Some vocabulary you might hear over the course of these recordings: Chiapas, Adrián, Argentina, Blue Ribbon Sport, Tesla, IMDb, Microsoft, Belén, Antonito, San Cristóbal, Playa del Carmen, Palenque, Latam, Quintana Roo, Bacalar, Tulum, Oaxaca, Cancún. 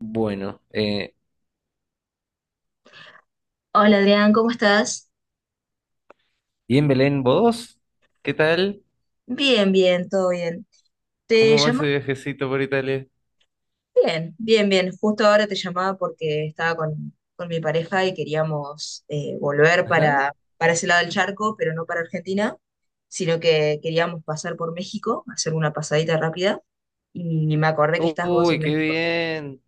Bueno, Hola Adrián, ¿cómo estás? y en Belén, ¿vos? ¿Qué tal? Bien, bien, todo bien. ¿Te ¿Cómo va ese llamaba? viajecito por Italia? Bien, bien, bien. Justo ahora te llamaba porque estaba con mi pareja y queríamos volver Ajá. para ese lado del charco, pero no para Argentina, sino que queríamos pasar por México, hacer una pasadita rápida y me acordé que estás vos Uy, en qué México. bien.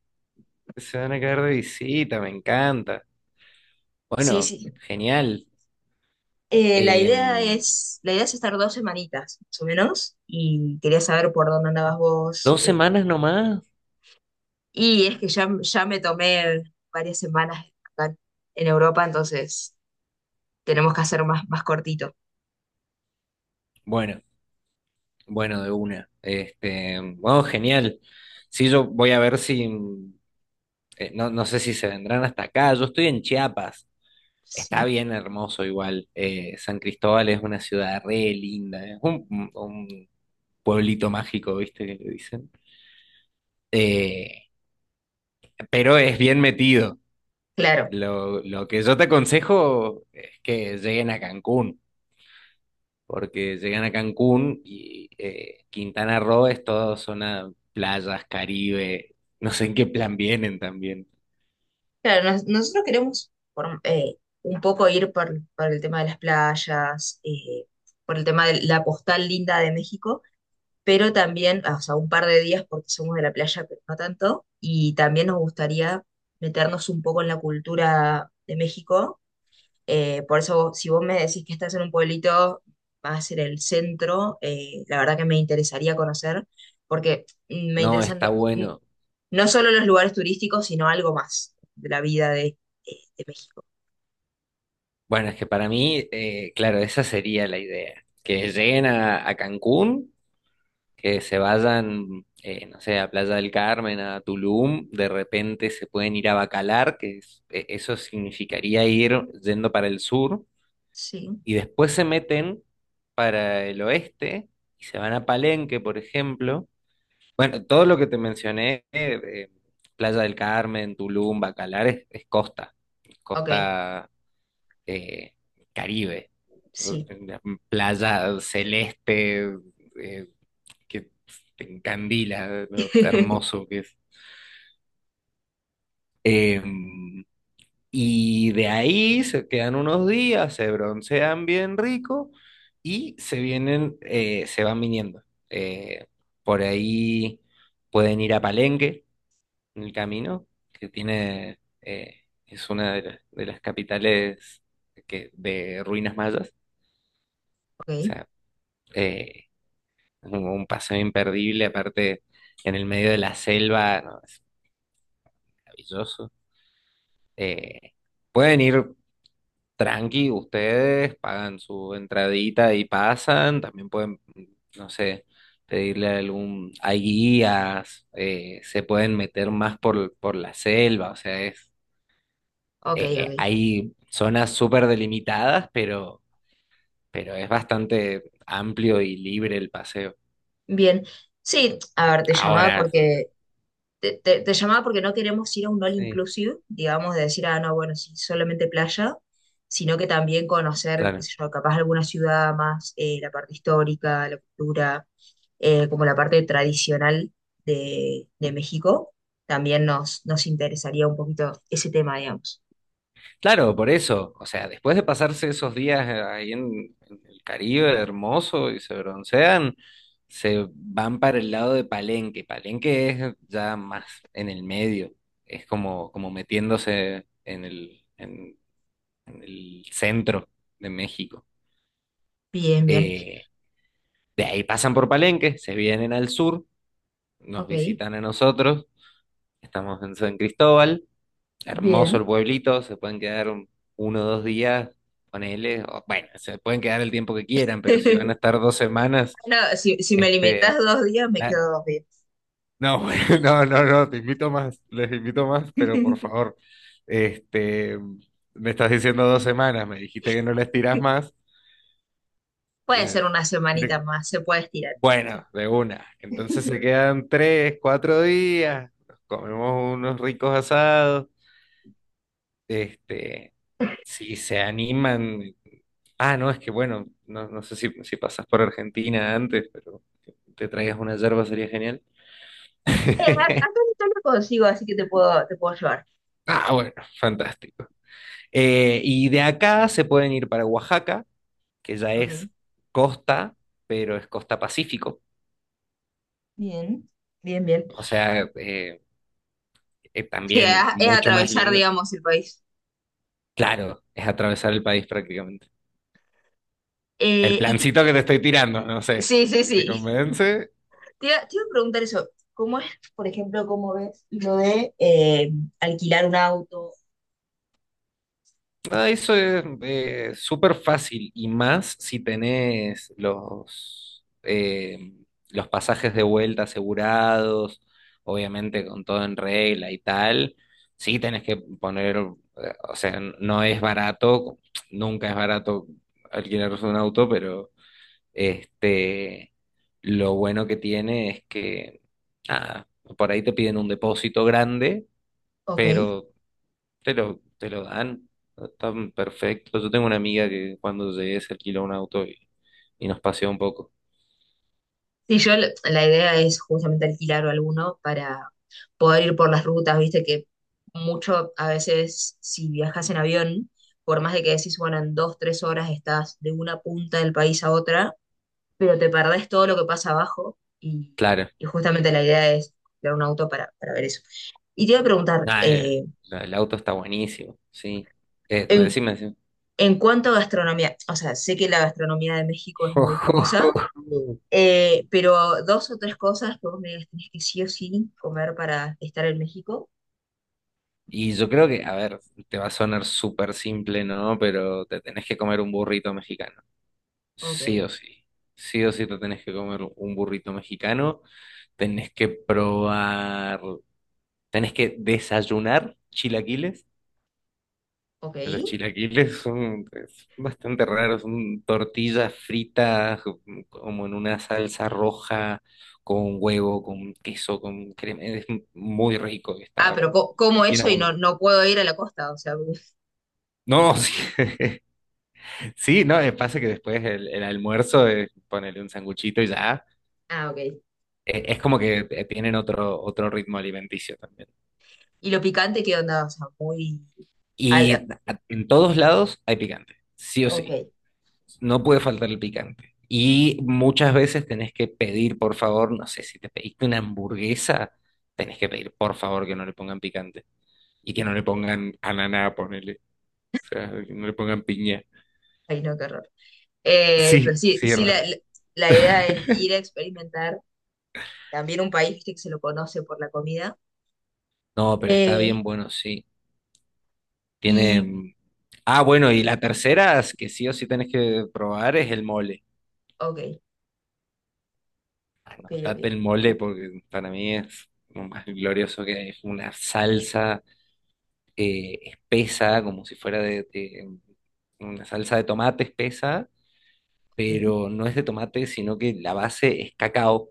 Se van a quedar de visita, me encanta. Sí, Bueno, sí. genial. La idea Em, es, la idea es estar dos semanitas, más o menos, y quería saber por dónde andabas vos, ¿Dos eh. semanas nomás? Y es que ya me tomé varias semanas acá en Europa, entonces tenemos que hacer más, más cortito. Bueno, bueno, de una. Bueno, genial. Sí, yo voy a ver si, no, no sé si se vendrán hasta acá. Yo estoy en Chiapas. Está Sí, bien hermoso igual. San Cristóbal es una ciudad re linda. Es un pueblito mágico, ¿viste que le dicen? Eh, pero es bien metido. claro. Lo que yo te aconsejo es que lleguen a Cancún, porque llegan a Cancún y Quintana Roo es toda zona playas, Caribe. No sé en qué plan vienen también. Claro, nosotros queremos un poco ir por el tema de las playas, por el tema de la postal linda de México, pero también, o sea, un par de días porque somos de la playa, pero no tanto. Y también nos gustaría meternos un poco en la cultura de México. Por eso, si vos me decís que estás en un pueblito, va a ser el centro, la verdad que me interesaría conocer, porque me No, interesan no, está mm, bueno. no solo los lugares turísticos, sino algo más de la vida de México. Bueno, es que para mí, claro, esa sería la idea, que lleguen a Cancún que se vayan, no sé, a Playa del Carmen, a Tulum. De repente se pueden ir a Bacalar, eso significaría ir yendo para el sur, Sí, y después se meten para el oeste y se van a Palenque, por ejemplo. Bueno, todo lo que te mencioné, Playa del Carmen, Tulum, Bacalar, es costa, ok, costa, eh, Caribe, sí. playa celeste, eh, que pues te encandila lo hermoso que es. Eh, y de ahí se quedan unos días, se broncean bien rico y se vienen, se van viniendo. Eh, por ahí pueden ir a Palenque en el camino, que tiene, es una de las, capitales de ruinas mayas. O Ok, sea, eh, un paseo imperdible, aparte en el medio de la selva, no, es maravilloso. Eh, Pueden ir tranqui ustedes, pagan su entradita y pasan. También pueden, no sé, pedirle algún... Hay guías. Se pueden meter más por, la selva. O sea, ok, ok. Hay zonas súper delimitadas, pero es bastante amplio y libre el paseo. Bien, sí, a ver, te llamaba Ahora, porque te llamaba porque no queremos ir a un all sí, inclusive, digamos, de decir, ah, no, bueno, sí, solamente playa, sino que también conocer, qué claro. sé yo, capaz alguna ciudad más, la parte histórica, la cultura, como la parte tradicional de México, también nos interesaría un poquito ese tema, digamos. Claro, por eso. O sea, después de pasarse esos días ahí en el Caribe hermoso y se broncean, se van para el lado de Palenque. Palenque es ya más en el medio. Es como metiéndose en el centro de México. Bien, bien, Eh, de ahí pasan por Palenque, se vienen al sur, nos ok. visitan a nosotros. Estamos en San Cristóbal. Hermoso el Bien. pueblito, se pueden quedar uno o dos días, ponele. O, bueno, se pueden quedar el tiempo que quieran, pero si van a estar dos semanas, No, si, si me limitas este, dos días, me la- quedo dos días. no, bueno, no, no, no, te invito más, les invito más, pero por favor, este, me estás diciendo dos semanas, me dijiste que no les tirás más. Puede eh, ser una semanita quiere- más, se puede estirar. bueno, de una, entonces se quedan tres, cuatro días, nos comemos unos ricos asados, este... si se animan. Ah, no, es que bueno, no, no sé si pasas por Argentina antes, pero que te traigas una yerba sería genial. A a Antonito lo consigo, así que te puedo llevar. Ah, bueno, fantástico. Y de acá se pueden ir para Oaxaca, que ya Ok, es costa, pero es costa Pacífico. bien, bien, bien. O sea, Sí, también es mucho más atravesar, lindo. digamos, el país. Claro, es atravesar el país prácticamente. El Eh, y ti- plancito que te estoy tirando, no sé, sí, sí, si te sí. convence... te iba a preguntar eso. ¿Cómo es, por ejemplo, cómo ves lo de alquilar un auto? Ah, eso es súper fácil, y más si tenés los pasajes de vuelta asegurados, obviamente con todo en regla y tal. Sí, tenés que poner, o sea, no es barato, nunca es barato alquilarse un auto, pero este, lo bueno que tiene es que, nada, por ahí te piden un depósito grande, Ok. pero te lo dan tan perfecto. Yo tengo una amiga que cuando llegué se alquiló un auto y nos paseó un poco. Sí, yo la idea es justamente alquilar alguno para poder ir por las rutas, viste que mucho a veces si viajas en avión, por más de que decís, bueno, en dos, tres horas estás de una punta del país a otra, pero te perdés todo lo que pasa abajo, y, Claro, y justamente la idea es crear un auto para ver eso. Y te iba a preguntar, nada, el auto está buenísimo, sí. No, en, decime, decime. en cuanto a gastronomía, o sea, sé que la gastronomía de México es muy famosa, pero dos o tres cosas que vos me digas, tenés que sí o sí comer para estar en México. Y yo creo que, a ver, te va a sonar súper simple, ¿no? Pero te tenés que comer un burrito mexicano. Ok, Sí o sí. Sí o sí te tenés que comer un burrito mexicano. Tenés que probar, tenés que desayunar chilaquiles. ok. Los chilaquiles son es bastante raros, son tortillas fritas, como en una salsa roja, con huevo, con queso, con crema. Es muy rico, Ah, está pero como bien eso y no, abundante. no puedo ir a la costa, o sea. No, sí, sí, no, pasa que después el almuerzo es ponerle un sanguchito y ya. Ah, ok. Es como que tienen otro ritmo alimenticio también. ¿Y lo picante qué onda? O sea, muy... al- Y en todos lados hay picante, sí o ok, sí. No puede faltar el picante. Y muchas veces tenés que pedir, por favor, no sé, si te pediste una hamburguesa, tenés que pedir, por favor, que no le pongan picante. Y que no le pongan ananá, ponele. O sea, que no le pongan piña. ay no, qué horror. Pero Sí, sí, sí, es sí raro. La idea es ir a experimentar también un país, viste, que se lo conoce por la comida. No, pero está Eh, bien bueno, sí. Tiene... y, mm, Ah, bueno, y la tercera es que sí o sí tenés que probar es el mole. ok, ok, Anotate ok. el mole, porque para mí es lo más glorioso que hay. Es una salsa espesa, como si fuera de una salsa de tomate espesa, Ok, pero no es de tomate, sino que la base es cacao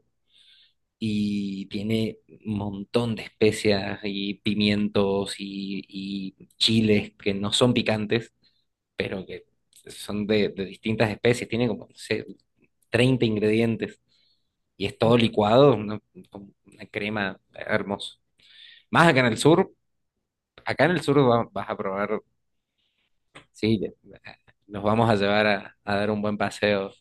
y tiene un montón de especias y pimientos y chiles que no son picantes, pero que son de distintas especies. Tiene como, no sé, 30 ingredientes, y es ok. todo licuado, como una crema hermosa. Más acá en el sur, acá en el sur vas a probar. Sí. Eh, Nos vamos a llevar a dar un buen paseo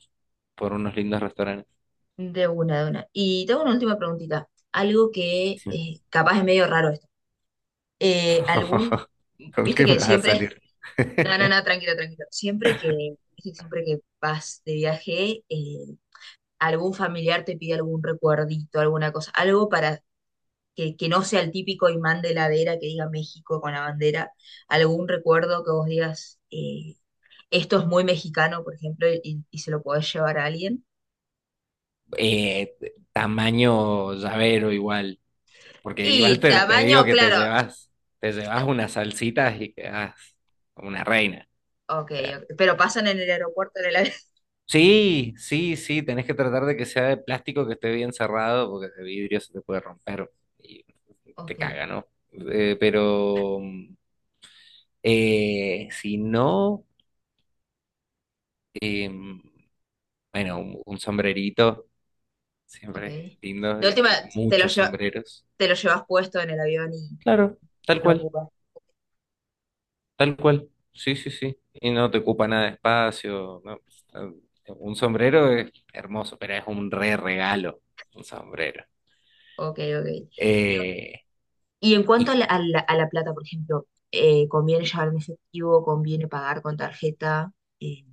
por unos lindos restaurantes. De una, de una. Y tengo una última preguntita. Algo que Sí. Capaz es medio raro esto. Eh, algún, ¿Con viste qué me que vas a siempre, salir? no, no, no, tranquilo, tranquilo. Siempre que, viste, siempre que vas de viaje, algún familiar te pide algún recuerdito, alguna cosa, algo para que no sea el típico imán de heladera que diga México con la bandera, algún recuerdo que vos digas, esto es muy mexicano, por ejemplo, y se lo podés llevar a alguien. Eh, Tamaño llavero igual, porque igual Y te digo tamaño, que claro, te llevas unas salsitas y quedas como una reina. ok, O sea, ok, pero pasan en el aeropuerto, en el avión. sí, sí, sí, tenés que tratar de que sea de plástico, que esté bien cerrado, porque de vidrio se te puede romper y te Ok, caga, ¿no? Pero si no... Eh, bueno, un sombrerito ok. siempre es De lindo, y última, hay te lo, muchos lle- sombreros. te lo llevas puesto en el avión y Claro, tal lo cual, ocupas. tal cual. Sí, sí, sí. Y no te ocupa nada de espacio, no. eh, Un sombrero es hermoso, pero es un re regalo, un sombrero. Ok, ok. Y, Eh, y en cuanto a y a la plata, por ejemplo, ¿conviene llevar en efectivo? ¿Conviene pagar con tarjeta? Eh,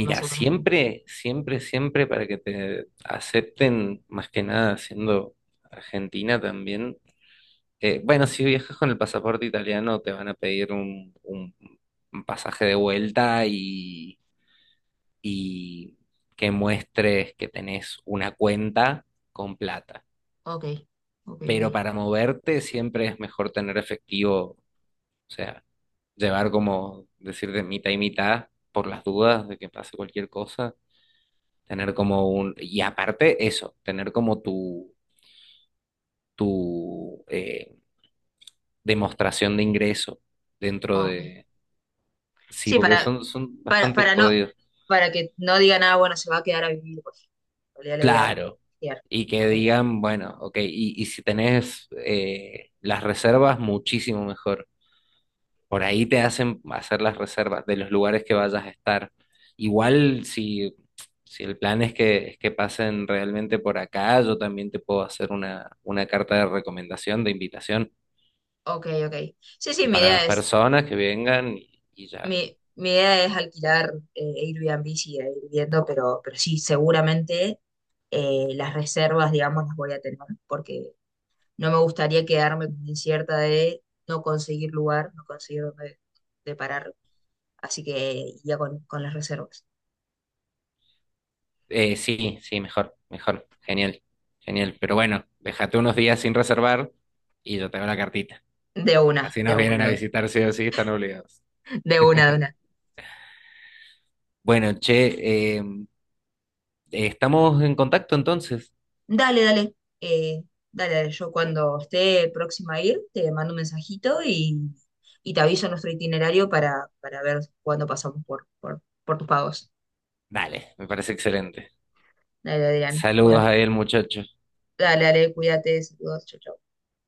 más o menos. siempre, siempre, siempre, para que te acepten, más que nada siendo argentina también. Bueno, si viajas con el pasaporte italiano, te van a pedir un, un pasaje de vuelta, y que muestres que tenés una cuenta con plata. Ok, ok, Pero ok. para moverte siempre es mejor tener efectivo, o sea, llevar como, decir, de mitad y mitad, por las dudas de que pase cualquier cosa, tener como un... Y aparte eso, tener como tu, tu demostración de ingreso dentro Ok. de... Sí, Sí, porque son bastante para no, jodidos. para que no diga nada, bueno, se va a quedar a vivir, pues. Valía la idea de Claro. alquilar. Y que Ok, digan, bueno, ok, y si tenés las reservas, muchísimo mejor. Por ahí te hacen hacer las reservas de los lugares que vayas a estar. Igual si, el plan es que pasen realmente por acá, yo también te puedo hacer una carta de recomendación, de invitación ok, ok. Sí, sí, mi para idea dos es, personas que vengan, y ya. Mi idea es alquilar Airbnb, y ir viendo, pero sí, seguramente las reservas, digamos, las voy a tener, porque no me gustaría quedarme con incierta de no conseguir lugar, no conseguir dónde de parar. Así que ya con las reservas. Sí, sí, mejor, mejor. Genial, genial. Pero bueno, déjate unos días sin reservar y yo te hago la cartita. De una, Así de nos vienen a una. visitar sí o sí, están obligados. De una, de una. Bueno, che, estamos en contacto entonces. Dale, dale. eh, Dale, dale. Yo cuando esté próxima a ir, te mando un mensajito y te aviso nuestro itinerario para ver cuándo pasamos por tus pagos. Dale, me parece excelente. Dale, Adrián. Saludos Bueno, a él, muchacho. dale, dale, cuídate, saludos, chau, chau.